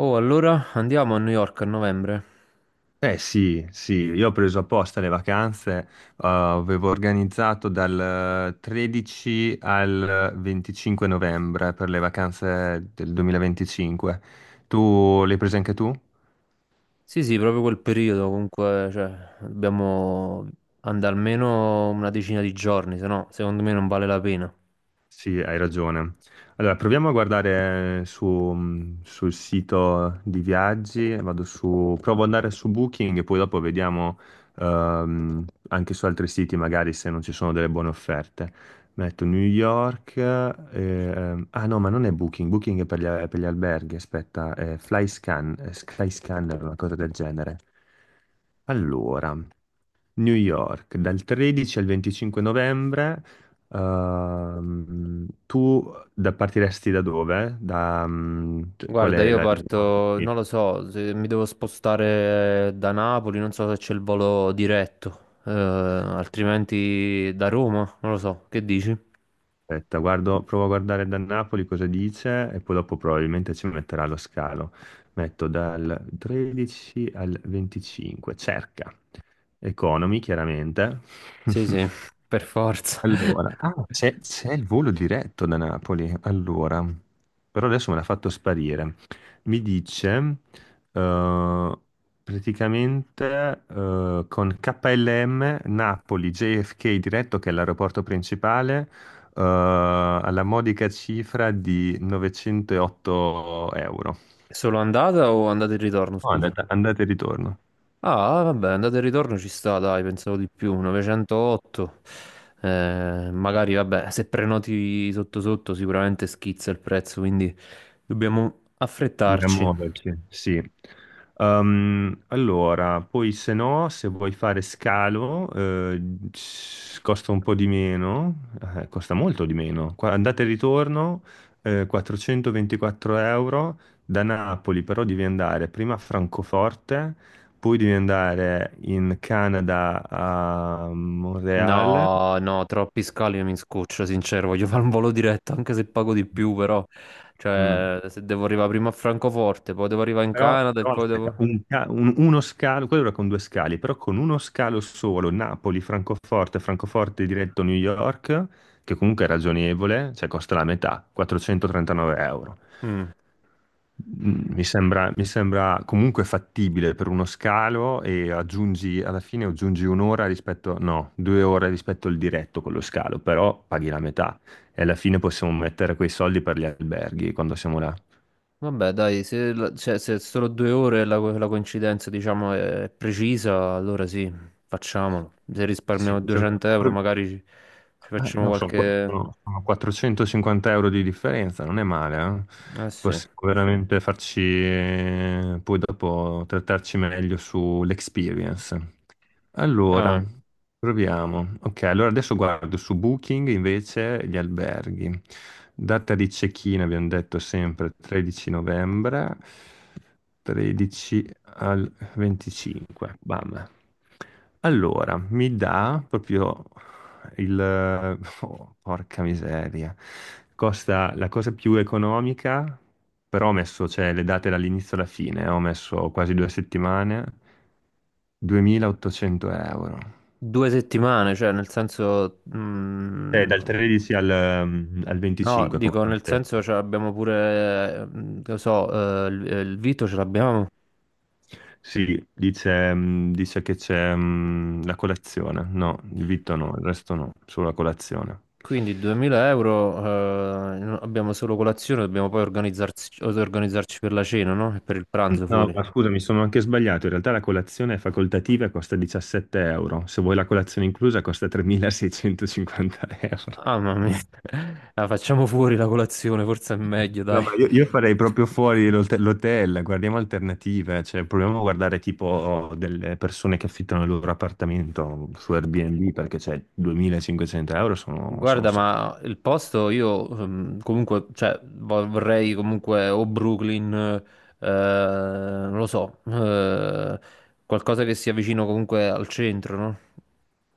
Oh, allora andiamo a New York a novembre? Eh sì, sì, io ho preso apposta le vacanze, avevo organizzato dal 13 al 25 novembre per le vacanze del 2025. Tu le hai prese anche tu? Sì, sì, proprio quel periodo, comunque, cioè, dobbiamo andare almeno una decina di giorni, se no, secondo me non vale la pena. Sì, hai ragione. Allora, proviamo a guardare sul sito di viaggi, vado su, provo ad andare su Booking e poi dopo vediamo, anche su altri siti magari se non ci sono delle buone offerte. Metto New York, ah no, ma non è Booking. Booking è per gli alberghi, aspetta, è Flyscan, è Skyscanner, una cosa del genere. Allora. New York, dal 13 al 25 novembre, partiresti da dove? Da, cioè, qual Guarda, è io la. parto, Sì, non lo so, se mi devo spostare da Napoli, non so se c'è il volo diretto, altrimenti da Roma, non lo so, che dici? aspetta, guardo, provo a guardare da Napoli cosa dice e poi dopo probabilmente ci metterà lo scalo. Metto dal 13 al 25, cerca. Economy, chiaramente. Sì, sì, per forza. Allora, ah, c'è il volo diretto da Napoli, allora, però adesso me l'ha fatto sparire. Mi dice, eh, praticamente, con KLM Napoli JFK diretto, che è l'aeroporto principale, alla modica cifra di 908 euro. Solo andata o andata e ritorno, No, scusa? Andata e ritorno. Ah, vabbè, andata e ritorno ci sta, dai, pensavo di più, 908. Magari, vabbè, se prenoti sotto sotto sicuramente schizza il prezzo, quindi dobbiamo Dobbiamo affrettarci. muoverci, sì. Allora, poi se no, se vuoi fare scalo, costa un po' di meno, costa molto di meno. Andata e ritorno, 424 euro da Napoli, però devi andare prima a Francoforte, poi devi andare in Canada a Montreal. No, no, troppi scali mi scoccio, sincero, voglio fare un volo diretto, anche se pago di più, però. Mm. Cioè, se devo arrivare prima a Francoforte, poi devo arrivare in Però, Canada e però poi aspetta, devo. Uno scalo, quello era con due scali, però con uno scalo solo, Napoli-Francoforte, Francoforte diretto New York, che comunque è ragionevole, cioè costa la metà, 439 euro. Mm. Mi sembra comunque fattibile per uno scalo e aggiungi, alla fine aggiungi un'ora rispetto, no, 2 ore rispetto al diretto con lo scalo, però paghi la metà e alla fine possiamo mettere quei soldi per gli alberghi quando siamo là. Vabbè, dai, se, la- cioè, se è solo 2 ore la coincidenza, diciamo, è precisa, allora sì, facciamolo. Se Sì, risparmiamo 200 euro, magari ci eh, facciamo no, sono, qua- qualche. sono- sono 450 euro di differenza, non è male, eh? Eh sì. Possiamo veramente farci, poi dopo trattarci meglio sull'experience. Allora, Vabbè. proviamo. Ok, allora adesso guardo su Booking invece gli alberghi. Data di check-in abbiamo detto sempre 13 novembre, 13 al 25. Bam. Allora, mi dà proprio il. Oh, porca miseria. Costa la cosa più economica, però ho messo, cioè, le date dall'inizio alla fine, ho messo quasi 2 settimane, 2.800 euro. 2 settimane, cioè, nel senso. Dal 13 al No, 25, come dico, abbiamo nel senso, detto. cioè, abbiamo pure, che lo so, il Vito ce l'abbiamo. Sì, dice che c'è, la colazione. No, il vitto no, il resto no, solo la colazione. Quindi 2000 euro, abbiamo solo colazione, dobbiamo poi organizzarci, organizzarci per la cena, no? E per il pranzo No, fuori. ma scusa, mi sono anche sbagliato. In realtà la colazione è facoltativa e costa 17 euro. Se vuoi la colazione inclusa costa 3.650 euro. Ah, mamma mia. La facciamo fuori la colazione, forse è meglio, No, dai. ma io farei proprio fuori l'hotel, guardiamo alternative, cioè proviamo a guardare tipo delle persone che affittano il loro appartamento su Airbnb perché cioè 2.500 euro sono Guarda, un sacco. ma il posto io comunque, cioè, vorrei comunque o Brooklyn, non lo so, qualcosa che sia vicino comunque al centro, no?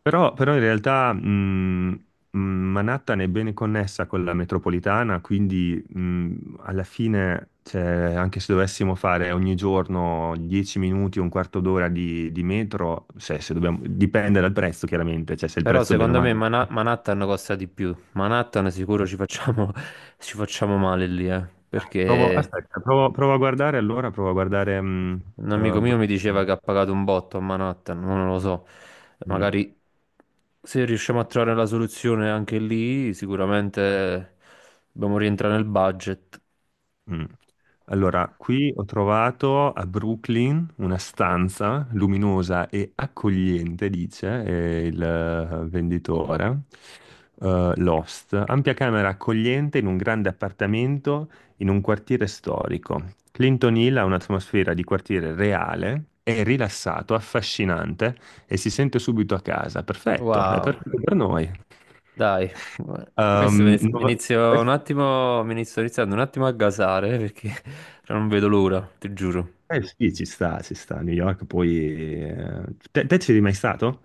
Però in realtà, Manhattan è bene connessa con la metropolitana, quindi, alla fine, cioè, anche se dovessimo fare ogni giorno 10 minuti, un quarto d'ora di metro, cioè, se dipende dal prezzo chiaramente, cioè se il Però prezzo è bene o secondo me male. Manhattan costa di più. Manhattan sicuro ci facciamo, ci facciamo male lì, Provo, perché aspetta, provo a guardare allora, provo a guardare, un amico mio mi Brooklyn. diceva che ha pagato un botto a Manhattan, ma non lo so. Mm. Magari se riusciamo a trovare la soluzione anche lì, sicuramente dobbiamo rientrare nel budget. Mm. Allora, qui ho trovato a Brooklyn una stanza luminosa e accogliente, dice, il, venditore. Lost, ampia camera accogliente in un grande appartamento in un quartiere storico. Clinton Hill ha un'atmosfera di quartiere reale, è rilassato, affascinante e si sente subito a casa. Perfetto, è Wow, perfetto per noi. dai. Questo Ehm, mi nova- inizio iniziando un attimo a gasare perché non vedo l'ora, ti giuro. Eh sì, ci sta, ci sta. New York poi... eh, te ci eri mai stato?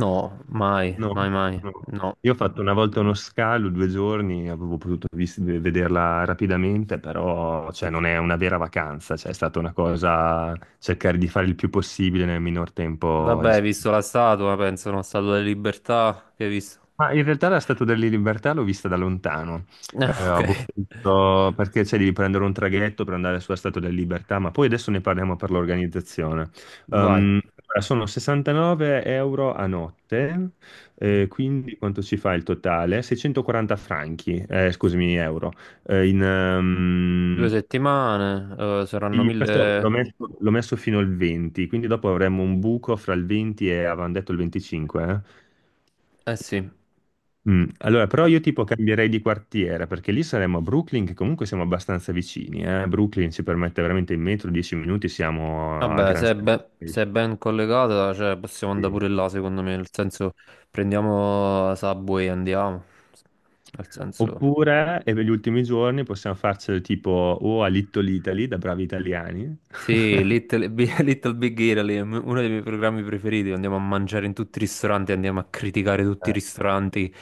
No, mai, mai, No, mai. no. No. Io ho fatto una volta uno scalo, 2 giorni, avevo potuto vederla rapidamente, però cioè, non è una vera vacanza, cioè, è stata una cosa cercare di fare il più possibile nel minor tempo a Vabbè, hai visto disposizione. la statua, penso, no? Statua della Libertà, che hai visto? Ma in realtà la Statua della Libertà l'ho vista da lontano. Ah, ok, Perché c'è devi prendere un traghetto per andare sulla Statua della Libertà, ma poi adesso ne parliamo per l'organizzazione. vai. Allora, sono 69 euro a notte, quindi quanto ci fa il totale? 640 franchi, scusami, euro. Eh, in, Due ehm, settimane, saranno sì, questo l'ho 1000. messo, fino al 20, quindi dopo avremo un buco fra il 20 e avevamo detto il 25, eh? Eh sì, Allora, però io tipo cambierei di quartiere perché lì saremmo a Brooklyn, che comunque siamo abbastanza vicini. Brooklyn ci permette veramente in metro 10 minuti, siamo a vabbè, Grand Central se è ben collegata, cioè, possiamo andare Station. pure là, secondo me, nel senso, prendiamo Subway e andiamo. Nel senso. Oppure, e per gli ultimi giorni possiamo farcelo tipo o a Little Italy da bravi italiani. Sì, Little Big Italy è uno dei miei programmi preferiti, andiamo a mangiare in tutti i ristoranti, andiamo a criticare tutti i ristoranti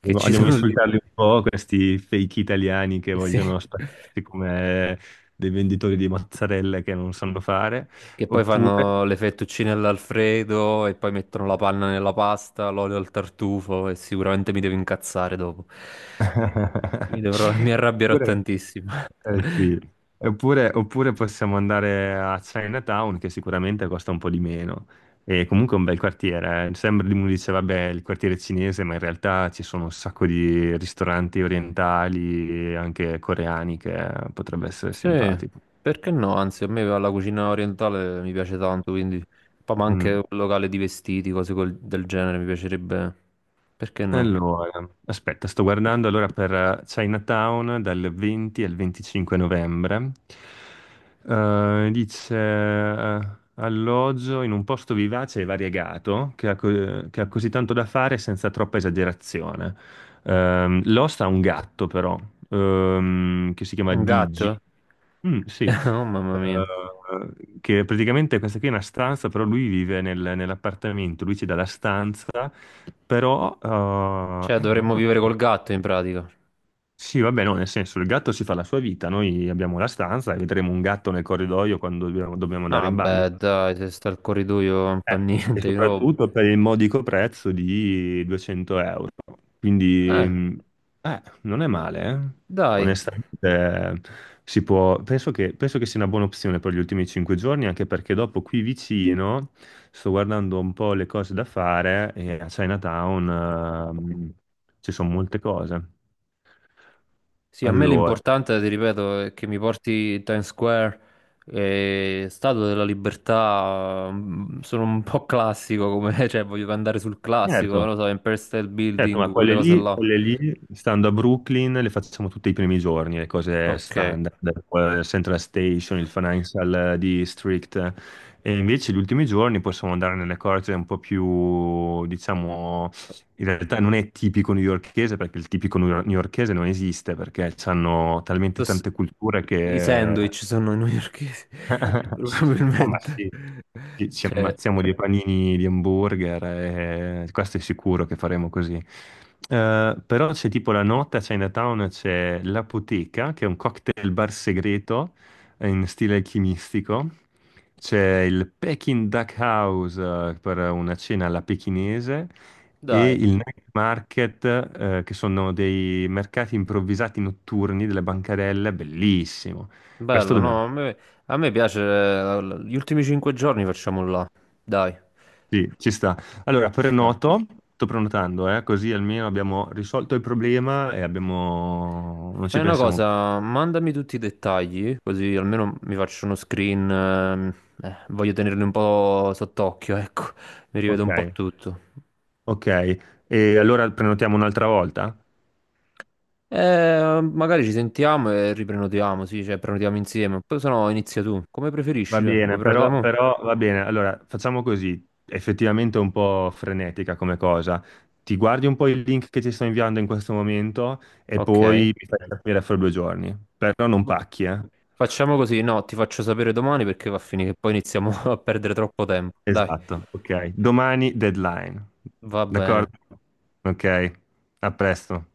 che Andiamo ci andiamo a sono lì. insultarli un po', questi fake italiani che Sì. vogliono spararsi come dei venditori di mozzarella che non sanno fare. Che poi Oppure... fanno le fettuccine all'Alfredo e poi mettono la panna nella pasta, l'olio al tartufo e sicuramente mi devo incazzare dopo. Mi arrabbierò Oppure tantissimo. Eh sì. Oppure possiamo andare a Chinatown, che sicuramente costa un po' di meno. E comunque è un bel quartiere. Sembra di uno dice, vabbè, il quartiere cinese, ma in realtà ci sono un sacco di ristoranti orientali e anche coreani che potrebbe essere Sì, simpatico. perché no? Anzi, a me la cucina orientale mi piace tanto, quindi poi ma anche Mm. un locale di vestiti, cose del genere, mi piacerebbe. Perché no? Allora, aspetta, sto guardando allora per, Chinatown dal 20 al 25 novembre. Dice, alloggio in un posto vivace e variegato che ha così tanto da fare senza troppa esagerazione. L'host ha un gatto però, che si chiama Un Digi. gatto? Mm, sì. Oh mamma mia. Che praticamente questa qui è una stanza, però lui vive nell'appartamento, lui ci dà la stanza però, Cioè, non dovremmo vivere col conosco. gatto in pratica. Sì, vabbè, no, nel senso, il gatto si fa la sua vita, noi abbiamo la stanza e vedremo un gatto nel corridoio quando dobbiamo andare Ah, in bagno. beh, dai, se sta al corridoio non fa Eh, E niente. Io. soprattutto per il modico prezzo di 200 euro. Quindi, Eh, non è male, eh. dai. Onestamente, si può. Penso che sia una buona opzione per gli ultimi 5 giorni, anche perché dopo qui vicino sto guardando un po' le cose da fare e a Chinatown, ci sono molte cose. Sì, a me Allora, l'importante, ti ripeto, è che mi porti Times Square, e Statua della Libertà. Sono un po' classico come, cioè, voglio andare sul classico, non certo, lo so, Empire State certo, ma Building, quelle cose là. quelle lì, stando a Brooklyn, le facciamo tutti i primi giorni, le cose Ok. standard, Central Station, il Financial District. E invece gli ultimi giorni possiamo andare nelle cose un po' più, diciamo, in realtà non è tipico newyorchese, perché il tipico newyorchese non esiste, perché hanno talmente Tos- tante culture I che sandwich sono newyorkesi, Ah, ma probabilmente. sì, ci Cioè, ammazziamo di panini di hamburger e questo è sicuro che faremo così. Però c'è tipo la notte a Chinatown, c'è l'Apoteca, che è un cocktail bar segreto, in stile alchimistico. C'è il Peking Duck House, per una cena alla pechinese e dai. il night market, che sono dei mercati improvvisati notturni delle bancarelle, bellissimo. Questo Bello, dobbiamo no, a me piace, gli ultimi 5 giorni facciamo là, dai, Sì, ci sta. Allora, ci sta. Sto prenotando, così almeno abbiamo risolto il problema e abbiamo. Non ci Fai una pensiamo. cosa, mandami tutti i dettagli, così almeno mi faccio uno screen, voglio tenerli un po' sott'occhio, ecco, mi rivedo Ok, un po' tutto. ok. E allora prenotiamo un'altra volta? Magari ci sentiamo e riprenotiamo, sì, cioè prenotiamo insieme, poi se no inizia tu, come Va preferisci, vuoi bene, prenotare però, mo? però va bene. Allora, facciamo così. Effettivamente è un po' frenetica come cosa. Ti guardi un po' il link che ti sto inviando in questo momento e Ok. poi mi fai capire fra 2 giorni. Però non pacchi, eh. Facciamo così, no, ti faccio sapere domani perché va a finire che poi iniziamo a perdere troppo tempo, dai. Esatto, ok. Domani deadline. Va bene. D'accordo? Ok, a presto.